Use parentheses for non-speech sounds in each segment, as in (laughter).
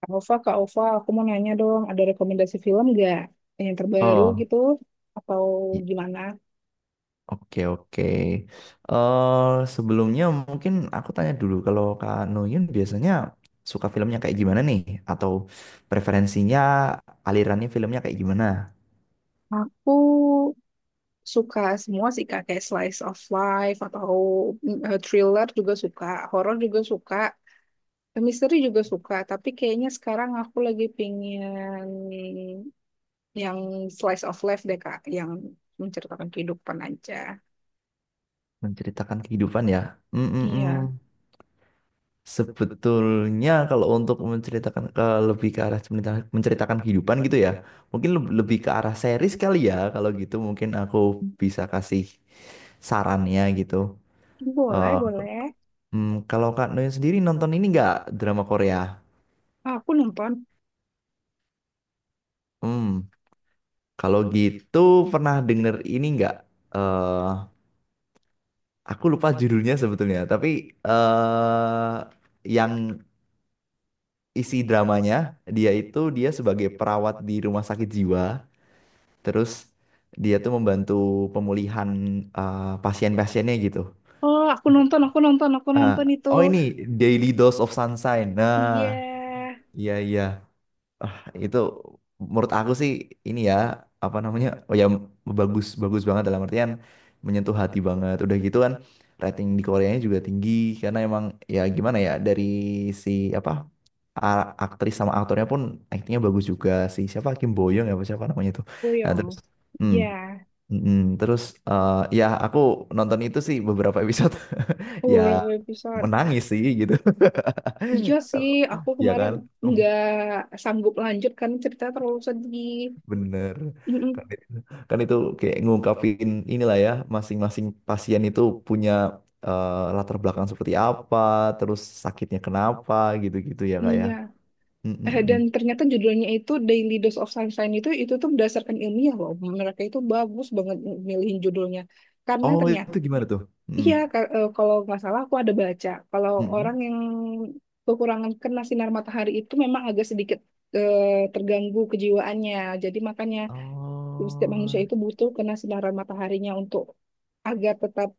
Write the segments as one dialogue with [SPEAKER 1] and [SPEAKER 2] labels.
[SPEAKER 1] Kak Ova, Kak Ova, aku mau nanya dong, ada rekomendasi film nggak yang terbaru
[SPEAKER 2] Oh,
[SPEAKER 1] gitu? Atau
[SPEAKER 2] i-
[SPEAKER 1] gimana?
[SPEAKER 2] oke oke. Sebelumnya mungkin aku tanya dulu kalau Kak Noyun biasanya suka filmnya kayak gimana nih? Atau preferensinya alirannya filmnya kayak gimana?
[SPEAKER 1] Aku suka semua sih Kak, kayak slice of life atau thriller juga suka, horor juga suka, misteri juga suka. Tapi kayaknya sekarang aku lagi pingin yang slice of life deh Kak, yang menceritakan kehidupan aja.
[SPEAKER 2] Menceritakan kehidupan ya. Mm mm, mm.
[SPEAKER 1] Iya,
[SPEAKER 2] Sebetulnya kalau untuk menceritakan ke lebih ke arah menceritakan kehidupan gitu ya, mungkin lebih ke arah series kali ya. Kalau gitu mungkin aku bisa kasih sarannya gitu.
[SPEAKER 1] boleh,
[SPEAKER 2] Eh,
[SPEAKER 1] boleh.
[SPEAKER 2] Kalau Kak Noen sendiri nonton ini nggak drama Korea?
[SPEAKER 1] Ah, aku nonton.
[SPEAKER 2] Hmm, kalau gitu pernah denger ini nggak? eh aku lupa judulnya sebetulnya, tapi eh yang isi dramanya dia itu dia sebagai perawat di rumah sakit jiwa, terus dia tuh membantu pemulihan pasien-pasiennya gitu.
[SPEAKER 1] Oh, aku nonton, aku nonton, aku
[SPEAKER 2] Eh,
[SPEAKER 1] nonton itu.
[SPEAKER 2] oh ini Daily Dose of Sunshine. Nah,
[SPEAKER 1] Iya,
[SPEAKER 2] iya iya. Ah, itu menurut aku sih ini ya apa namanya oh ya bagus bagus banget dalam artian menyentuh hati banget udah gitu kan rating di Koreanya juga tinggi karena emang ya gimana ya dari si apa aktris sama aktornya pun aktingnya bagus juga si siapa Kim Boyong ya apa siapa namanya itu nah
[SPEAKER 1] Boyong.
[SPEAKER 2] terus hmm,
[SPEAKER 1] Iya,
[SPEAKER 2] mm, mm. Terus eh, ya aku nonton itu sih beberapa episode
[SPEAKER 1] aku
[SPEAKER 2] (laughs) ya
[SPEAKER 1] beberapa episode.
[SPEAKER 2] menangis sih gitu
[SPEAKER 1] Iya sih, aku
[SPEAKER 2] (laughs) ya
[SPEAKER 1] kemarin
[SPEAKER 2] kan.
[SPEAKER 1] nggak sanggup lanjut karena cerita terlalu sedih.
[SPEAKER 2] Bener.
[SPEAKER 1] Mm-mm.
[SPEAKER 2] Kan itu, kan itu kayak ngungkapin inilah ya, masing-masing pasien itu punya latar belakang seperti apa, terus sakitnya kenapa, gitu-gitu ya kak ya.
[SPEAKER 1] Iya.
[SPEAKER 2] Mm, mm,
[SPEAKER 1] Eh,
[SPEAKER 2] mm.
[SPEAKER 1] dan ternyata judulnya itu Daily Dose of Sunshine itu tuh berdasarkan ilmiah loh. Mereka itu bagus banget milihin judulnya. Karena
[SPEAKER 2] Oh
[SPEAKER 1] ternyata,
[SPEAKER 2] itu gimana tuh? Mm,
[SPEAKER 1] kalau nggak salah aku ada baca. Kalau
[SPEAKER 2] mm,
[SPEAKER 1] orang
[SPEAKER 2] mm.
[SPEAKER 1] yang kekurangan kena sinar matahari itu memang agak sedikit eh, terganggu kejiwaannya. Jadi makanya setiap manusia
[SPEAKER 2] Oh
[SPEAKER 1] itu butuh kena sinaran mataharinya untuk agar tetap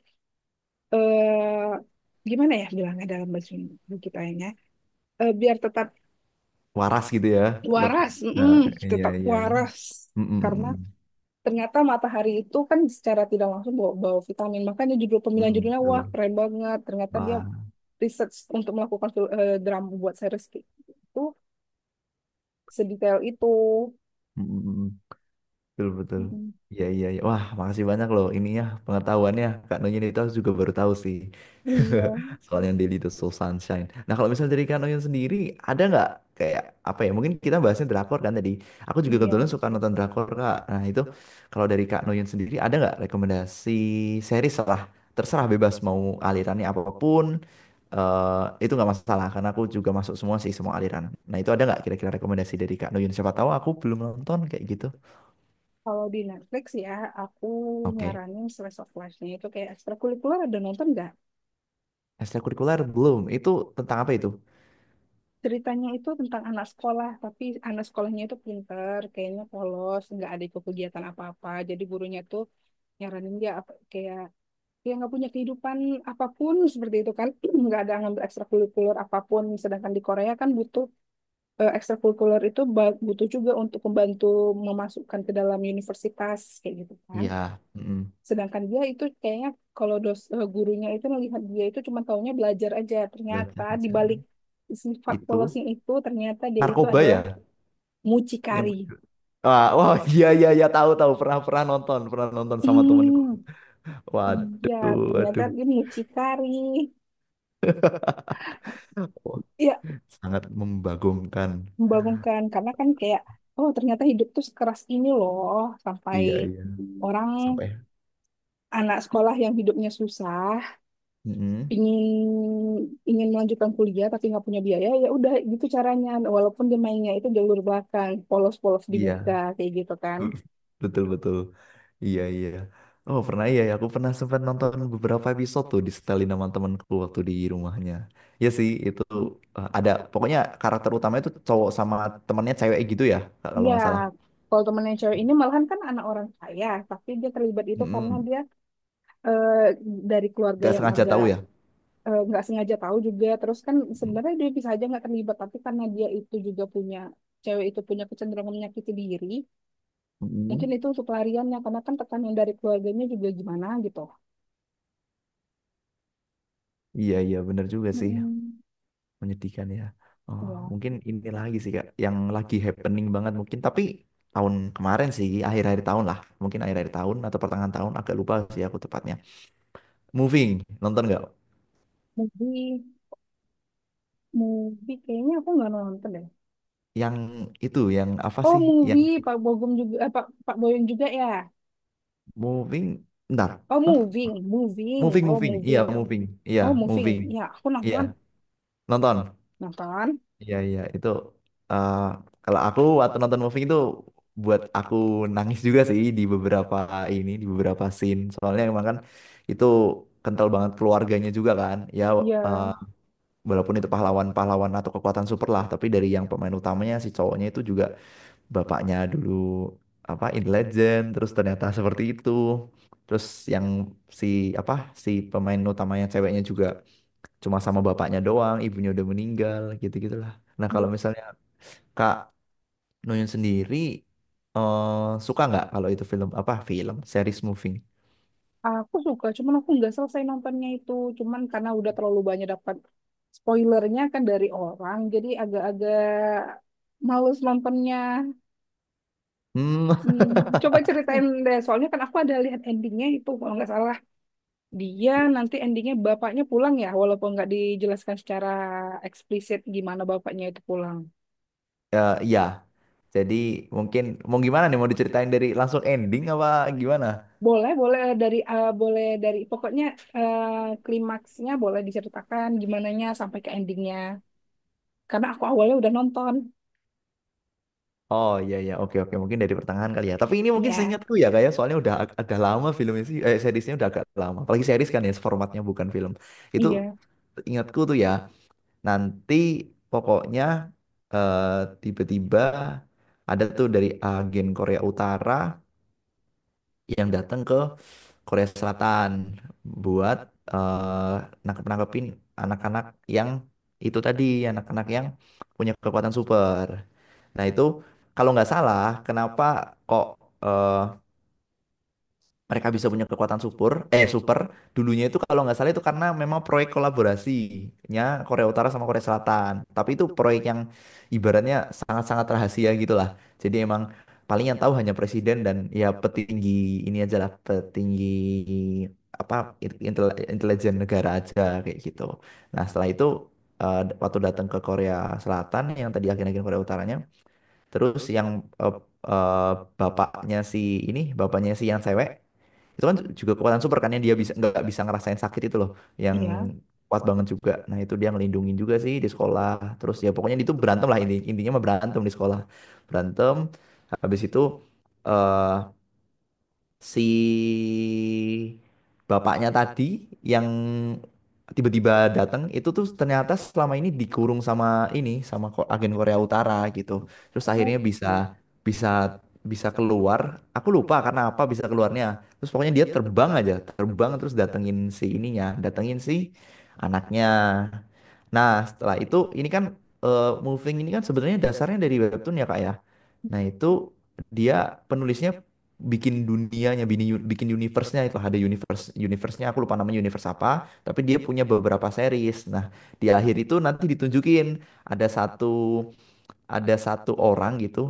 [SPEAKER 1] eh gimana ya bilangnya dalam bahasa Indo kita ya? Eh, biar tetap
[SPEAKER 2] waras gitu ya, lebih.
[SPEAKER 1] waras,
[SPEAKER 2] Nah,
[SPEAKER 1] mm-mm,
[SPEAKER 2] iya
[SPEAKER 1] tetap
[SPEAKER 2] iya iya.
[SPEAKER 1] waras.
[SPEAKER 2] Mm, mm,
[SPEAKER 1] Karena
[SPEAKER 2] mm.
[SPEAKER 1] ternyata matahari itu kan secara tidak langsung bawa vitamin. Makanya judul
[SPEAKER 2] Mm,
[SPEAKER 1] pemilihan
[SPEAKER 2] mm,
[SPEAKER 1] judulnya wah
[SPEAKER 2] betul.
[SPEAKER 1] keren banget. Ternyata dia
[SPEAKER 2] Wah.
[SPEAKER 1] research untuk melakukan drama buat series itu sedetail itu.
[SPEAKER 2] Mm, mm, mm. Betul, betul.
[SPEAKER 1] Mm-mm.
[SPEAKER 2] Iya, iya, iya. Wah, makasih banyak loh ininya pengetahuannya. Kak Nonnya itu aku juga baru tahu sih.
[SPEAKER 1] Iya,
[SPEAKER 2] (laughs) Soalnya Daily the Soul Sunshine. Nah, kalau misalnya dari Kak Nonnya sendiri, ada nggak kayak apa ya? Mungkin kita bahasnya drakor kan tadi. Aku juga kebetulan
[SPEAKER 1] iya.
[SPEAKER 2] suka nonton drakor, Kak. Nah, itu kalau dari Kak Nonnya sendiri, ada nggak rekomendasi series lah? Terserah bebas mau alirannya apapun. Itu nggak masalah karena aku juga masuk semua sih semua aliran. Nah itu ada nggak kira-kira rekomendasi dari Kak Noyun? Siapa tahu aku belum nonton kayak gitu.
[SPEAKER 1] Kalau di Netflix ya, aku
[SPEAKER 2] Oke.
[SPEAKER 1] nyaranin Slice of Life-nya itu kayak ekstrakurikuler, ada nonton nggak?
[SPEAKER 2] Ekstrakurikuler belum. Itu tentang apa itu?
[SPEAKER 1] Ceritanya itu tentang anak sekolah, tapi anak sekolahnya itu pinter, kayaknya polos, nggak ada ikut kegiatan apa-apa. Jadi gurunya tuh nyaranin dia kayak dia nggak punya kehidupan apapun seperti itu kan, (clears throat) nggak ada ngambil ekstrakurikuler apapun. Sedangkan di Korea kan butuh ekstrakurikuler itu butuh juga untuk membantu memasukkan ke dalam universitas kayak gitu kan.
[SPEAKER 2] Iya, mm,
[SPEAKER 1] Sedangkan dia itu kayaknya kalau gurunya itu melihat dia itu cuma taunya belajar aja. Ternyata
[SPEAKER 2] belajar
[SPEAKER 1] di
[SPEAKER 2] aja.
[SPEAKER 1] balik sifat
[SPEAKER 2] Itu
[SPEAKER 1] polosing itu ternyata dia itu
[SPEAKER 2] narkoba
[SPEAKER 1] adalah
[SPEAKER 2] ya? Yang
[SPEAKER 1] mucikari.
[SPEAKER 2] (laughs) wah, wah, iya iya iya tahu tahu pernah pernah nonton sama temanku.
[SPEAKER 1] Hmm, iya,
[SPEAKER 2] Waduh,
[SPEAKER 1] ternyata
[SPEAKER 2] waduh.
[SPEAKER 1] dia mucikari.
[SPEAKER 2] Wah,
[SPEAKER 1] Ya,
[SPEAKER 2] sangat membagongkan.
[SPEAKER 1] membangunkan karena kan kayak oh ternyata hidup tuh sekeras ini loh sampai
[SPEAKER 2] Iya iya.
[SPEAKER 1] orang
[SPEAKER 2] Sampai.
[SPEAKER 1] anak sekolah yang hidupnya susah
[SPEAKER 2] Mm-mm.
[SPEAKER 1] ingin ingin melanjutkan kuliah tapi nggak punya biaya ya udah gitu caranya walaupun dia mainnya itu jalur belakang polos-polos di muka
[SPEAKER 2] Iya.
[SPEAKER 1] kayak gitu kan.
[SPEAKER 2] (laughs) Betul betul. Iya iya. Oh pernah iya ya. Aku pernah sempat nonton beberapa episode tuh di setelin sama temanku waktu di rumahnya. Iya sih itu ada pokoknya karakter utamanya itu cowok sama temannya cewek gitu ya Kak, kalau
[SPEAKER 1] Iya,
[SPEAKER 2] nggak salah.
[SPEAKER 1] kalau teman yang cewek ini malahan kan anak orang kaya, tapi dia terlibat itu karena
[SPEAKER 2] Mm-mm.
[SPEAKER 1] dia eh, dari keluarga
[SPEAKER 2] Nggak
[SPEAKER 1] yang
[SPEAKER 2] sengaja
[SPEAKER 1] agak
[SPEAKER 2] tahu ya.
[SPEAKER 1] nggak sengaja tahu juga. Terus kan sebenarnya dia bisa aja nggak terlibat, tapi karena dia itu juga punya cewek itu punya kecenderungan menyakiti diri,
[SPEAKER 2] Mm-mm.
[SPEAKER 1] mungkin itu untuk pelariannya karena kan tekanan dari keluarganya juga gimana gitu.
[SPEAKER 2] Iya iya bener juga sih
[SPEAKER 1] Mm-mm.
[SPEAKER 2] menyedihkan ya. Oh,
[SPEAKER 1] Ya,
[SPEAKER 2] mungkin ini lagi sih Kak yang lagi happening banget mungkin tapi tahun kemarin sih akhir-akhir tahun lah mungkin akhir-akhir tahun atau pertengahan tahun agak lupa sih aku tepatnya. Moving nonton nggak
[SPEAKER 1] jadi movie kayaknya aku nggak nonton deh.
[SPEAKER 2] yang itu yang apa
[SPEAKER 1] Oh
[SPEAKER 2] sih yang
[SPEAKER 1] movie Pak Bogum juga eh, Pak Pak Boyong juga ya.
[SPEAKER 2] moving bentar.
[SPEAKER 1] Oh
[SPEAKER 2] Hah?
[SPEAKER 1] moving, moving,
[SPEAKER 2] Moving
[SPEAKER 1] oh
[SPEAKER 2] moving iya
[SPEAKER 1] moving,
[SPEAKER 2] moving iya
[SPEAKER 1] oh moving.
[SPEAKER 2] moving
[SPEAKER 1] Ya aku
[SPEAKER 2] iya
[SPEAKER 1] nonton,
[SPEAKER 2] nonton
[SPEAKER 1] nonton.
[SPEAKER 2] iya iya itu eh, kalau aku waktu nonton moving itu buat aku nangis juga sih di beberapa ini di beberapa scene soalnya emang kan itu kental banget keluarganya juga kan ya eh,
[SPEAKER 1] Ya
[SPEAKER 2] walaupun itu pahlawan-pahlawan atau kekuatan super lah tapi dari yang pemain utamanya si cowoknya itu juga bapaknya dulu apa in Legend terus ternyata seperti itu terus yang si apa si pemain utamanya ceweknya juga cuma sama bapaknya doang ibunya udah meninggal gitu gitulah nah kalau misalnya Kak Nuyun sendiri suka nggak kalau itu film apa film series moving.
[SPEAKER 1] aku suka, cuman aku nggak selesai nontonnya itu. Cuman karena udah terlalu banyak dapat spoilernya kan dari orang, jadi agak-agak males nontonnya.
[SPEAKER 2] Hmm.
[SPEAKER 1] Hmm, coba
[SPEAKER 2] (laughs)
[SPEAKER 1] ceritain deh, soalnya kan aku ada lihat endingnya itu kalau nggak salah. Dia nanti endingnya bapaknya pulang ya, walaupun nggak dijelaskan secara eksplisit gimana bapaknya itu pulang.
[SPEAKER 2] Ya iya. Jadi mungkin mau gimana nih mau diceritain dari langsung ending apa gimana.
[SPEAKER 1] Boleh, boleh boleh dari pokoknya eh, klimaksnya boleh diceritakan gimananya sampai ke endingnya. Karena aku awalnya udah nonton.
[SPEAKER 2] Oh iya iya oke oke mungkin dari pertengahan kali ya. Tapi ini mungkin
[SPEAKER 1] Ya,
[SPEAKER 2] seingatku ya kayak soalnya udah agak lama filmnya sih seriesnya udah agak lama. Apalagi series kan ya formatnya bukan film. Itu
[SPEAKER 1] iya,
[SPEAKER 2] ingatku tuh ya nanti pokoknya eh, tiba-tiba ada tuh dari agen Korea Utara yang datang ke Korea Selatan buat eh nangkep-nangkepin anak-anak yang itu tadi anak-anak yang punya kekuatan super. Nah itu kalau nggak salah, kenapa kok eh, mereka bisa punya kekuatan super? Super dulunya itu kalau nggak salah itu karena memang proyek kolaborasinya Korea Utara sama Korea Selatan. Tapi itu proyek yang ibaratnya sangat-sangat rahasia gitulah. Jadi emang paling yang tahu hanya presiden dan ya petinggi ini aja lah petinggi apa intel, intelijen negara aja kayak gitu. Nah setelah itu eh, waktu datang ke Korea Selatan yang tadi akhir-akhir Korea Utaranya terus yang eh, eh, bapaknya si ini, bapaknya si yang cewek, itu kan juga kekuatan super kan yang dia bisa nggak bisa ngerasain sakit itu loh, yang
[SPEAKER 1] iya.
[SPEAKER 2] kuat banget juga. Nah itu dia ngelindungin juga sih di sekolah. Terus ya pokoknya itu berantem lah intinya mah berantem di sekolah, berantem. Habis itu eh, si bapaknya tadi yang tiba-tiba datang itu tuh ternyata selama ini dikurung sama ini sama agen Korea Utara gitu. Terus
[SPEAKER 1] Oh,
[SPEAKER 2] akhirnya
[SPEAKER 1] hmm.
[SPEAKER 2] bisa bisa bisa keluar. Aku lupa karena apa bisa keluarnya. Terus pokoknya dia terbang aja, terbang terus datengin si ininya, datengin si anaknya. Nah, setelah itu ini kan Moving ini kan sebenarnya dasarnya dari webtoon ya Kak ya. Nah, itu dia penulisnya bikin dunianya, bikin universe-nya itu ada universe universe-nya aku lupa namanya universe apa, tapi dia punya beberapa series. Nah, di akhir itu nanti ditunjukin ada satu ada satu orang gitu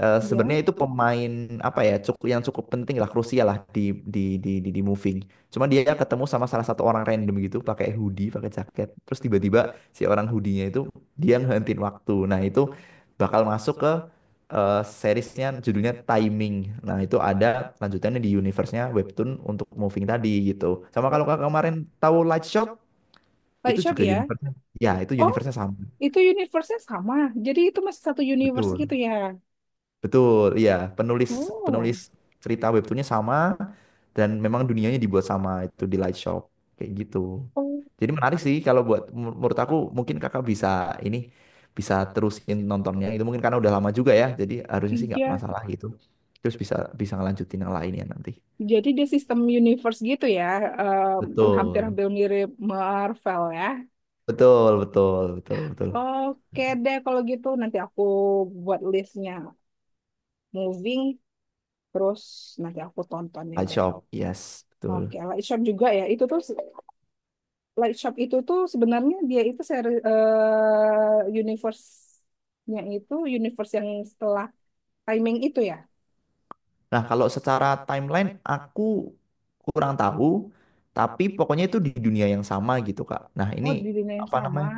[SPEAKER 1] Iya.
[SPEAKER 2] sebenarnya itu pemain apa ya cukup yang cukup penting lah krusial lah di di di moving. Cuma dia ketemu sama salah satu orang random gitu pakai hoodie, pakai jaket. Terus tiba-tiba si orang hoodie-nya itu dia ngehentiin waktu. Nah, itu bakal masuk ke seriesnya judulnya Timing. Nah, itu ada lanjutannya di universe-nya webtoon untuk moving tadi gitu. Sama
[SPEAKER 1] Oh,
[SPEAKER 2] kalau kakak kemarin tahu Light Shop
[SPEAKER 1] Light
[SPEAKER 2] itu
[SPEAKER 1] Shop
[SPEAKER 2] juga
[SPEAKER 1] ya?
[SPEAKER 2] universe-nya. Ya, itu
[SPEAKER 1] Oh,
[SPEAKER 2] universe-nya sama.
[SPEAKER 1] itu universe-nya sama. Jadi itu masih satu universe gitu
[SPEAKER 2] Betul.
[SPEAKER 1] ya?
[SPEAKER 2] Betul, iya. Penulis penulis
[SPEAKER 1] Oh,
[SPEAKER 2] cerita webtoonnya sama dan memang dunianya dibuat sama itu di Light Shop kayak gitu.
[SPEAKER 1] oh,
[SPEAKER 2] Jadi menarik sih kalau buat menurut aku mungkin kakak bisa ini bisa terusin nontonnya itu mungkin karena udah lama juga ya. Jadi harusnya sih nggak
[SPEAKER 1] iya.
[SPEAKER 2] masalah gitu. Terus bisa bisa ngelanjutin yang lainnya nanti.
[SPEAKER 1] Jadi dia sistem universe gitu ya,
[SPEAKER 2] Betul,
[SPEAKER 1] hampir-hampir mirip Marvel ya.
[SPEAKER 2] betul, betul, betul, betul.
[SPEAKER 1] Oke deh kalau gitu nanti aku buat listnya moving, terus nanti aku tontonin
[SPEAKER 2] Light
[SPEAKER 1] deh.
[SPEAKER 2] Shop, yes,
[SPEAKER 1] Oke,
[SPEAKER 2] betul.
[SPEAKER 1] Light Shop juga ya. Itu tuh Light Shop itu tuh sebenarnya dia itu seri eh, universe-nya itu universe yang setelah timing itu ya.
[SPEAKER 2] Nah, kalau secara timeline aku kurang tahu, tapi pokoknya itu di dunia yang sama gitu, Kak. Nah, ini
[SPEAKER 1] Oh, di dunia yang
[SPEAKER 2] apa
[SPEAKER 1] sama.
[SPEAKER 2] namanya?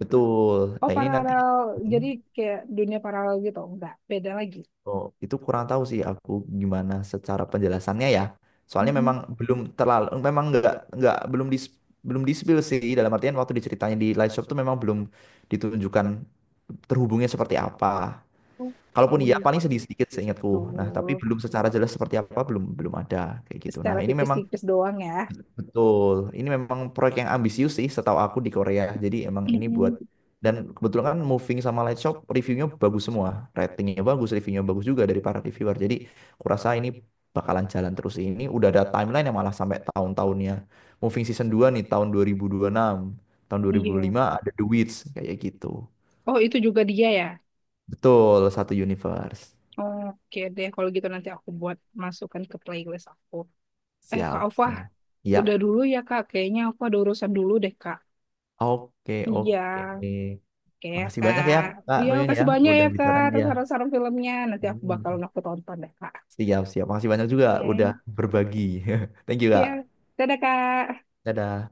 [SPEAKER 2] Betul.
[SPEAKER 1] Oh,
[SPEAKER 2] Nah, ini nanti
[SPEAKER 1] paralel.
[SPEAKER 2] hmm.
[SPEAKER 1] Jadi kayak dunia paralel gitu. Enggak, beda lagi.
[SPEAKER 2] Oh, itu kurang tahu sih aku gimana secara penjelasannya ya. Soalnya memang
[SPEAKER 1] Mm-mm.
[SPEAKER 2] belum terlalu memang nggak belum di spill sih dalam artian waktu diceritain di live shop tuh memang belum ditunjukkan terhubungnya seperti apa. Kalaupun iya
[SPEAKER 1] Oke.
[SPEAKER 2] paling sedikit sedikit seingatku. Nah, tapi
[SPEAKER 1] Tuh,
[SPEAKER 2] belum secara jelas seperti apa belum belum ada kayak gitu. Nah,
[SPEAKER 1] secara
[SPEAKER 2] ini memang
[SPEAKER 1] tipis-tipis doang ya.
[SPEAKER 2] betul. Ini memang proyek yang ambisius sih setahu aku di Korea. Jadi emang ini buat
[SPEAKER 1] Mm-mm.
[SPEAKER 2] dan kebetulan kan Moving sama Light Shop reviewnya bagus semua. Ratingnya bagus, reviewnya bagus juga dari para reviewer. Jadi kurasa ini bakalan jalan terus. Ini udah ada timeline yang malah sampai tahun-tahunnya. Moving season 2 nih tahun dua ribu enam tahun dua ribu
[SPEAKER 1] Iya.
[SPEAKER 2] lima ada The Witch kayak gitu.
[SPEAKER 1] Oh, itu juga dia ya?
[SPEAKER 2] Betul, satu universe.
[SPEAKER 1] Oke deh, kalau gitu nanti aku buat masukkan ke playlist aku. Eh, Kak
[SPEAKER 2] Siap,
[SPEAKER 1] Alfa,
[SPEAKER 2] siap.
[SPEAKER 1] udah
[SPEAKER 2] Ya,
[SPEAKER 1] dulu ya, Kak. Kayaknya aku ada urusan dulu deh, Kak.
[SPEAKER 2] oke,
[SPEAKER 1] Iya,
[SPEAKER 2] oke.
[SPEAKER 1] oke ya,
[SPEAKER 2] Makasih banyak ya
[SPEAKER 1] Kak. Oh,
[SPEAKER 2] Kak
[SPEAKER 1] iya,
[SPEAKER 2] Nuyun ya
[SPEAKER 1] makasih banyak
[SPEAKER 2] udah
[SPEAKER 1] ya, Kak,
[SPEAKER 2] bicarain
[SPEAKER 1] atas
[SPEAKER 2] dia.
[SPEAKER 1] saran-saran filmnya. Nanti aku bakal
[SPEAKER 2] Hmm.
[SPEAKER 1] aku tonton deh, Kak.
[SPEAKER 2] Siap, siap. Makasih banyak juga udah
[SPEAKER 1] Oke,
[SPEAKER 2] berbagi. (laughs) Thank you,
[SPEAKER 1] iya.
[SPEAKER 2] Kak.
[SPEAKER 1] Dadah, Kak.
[SPEAKER 2] Dadah.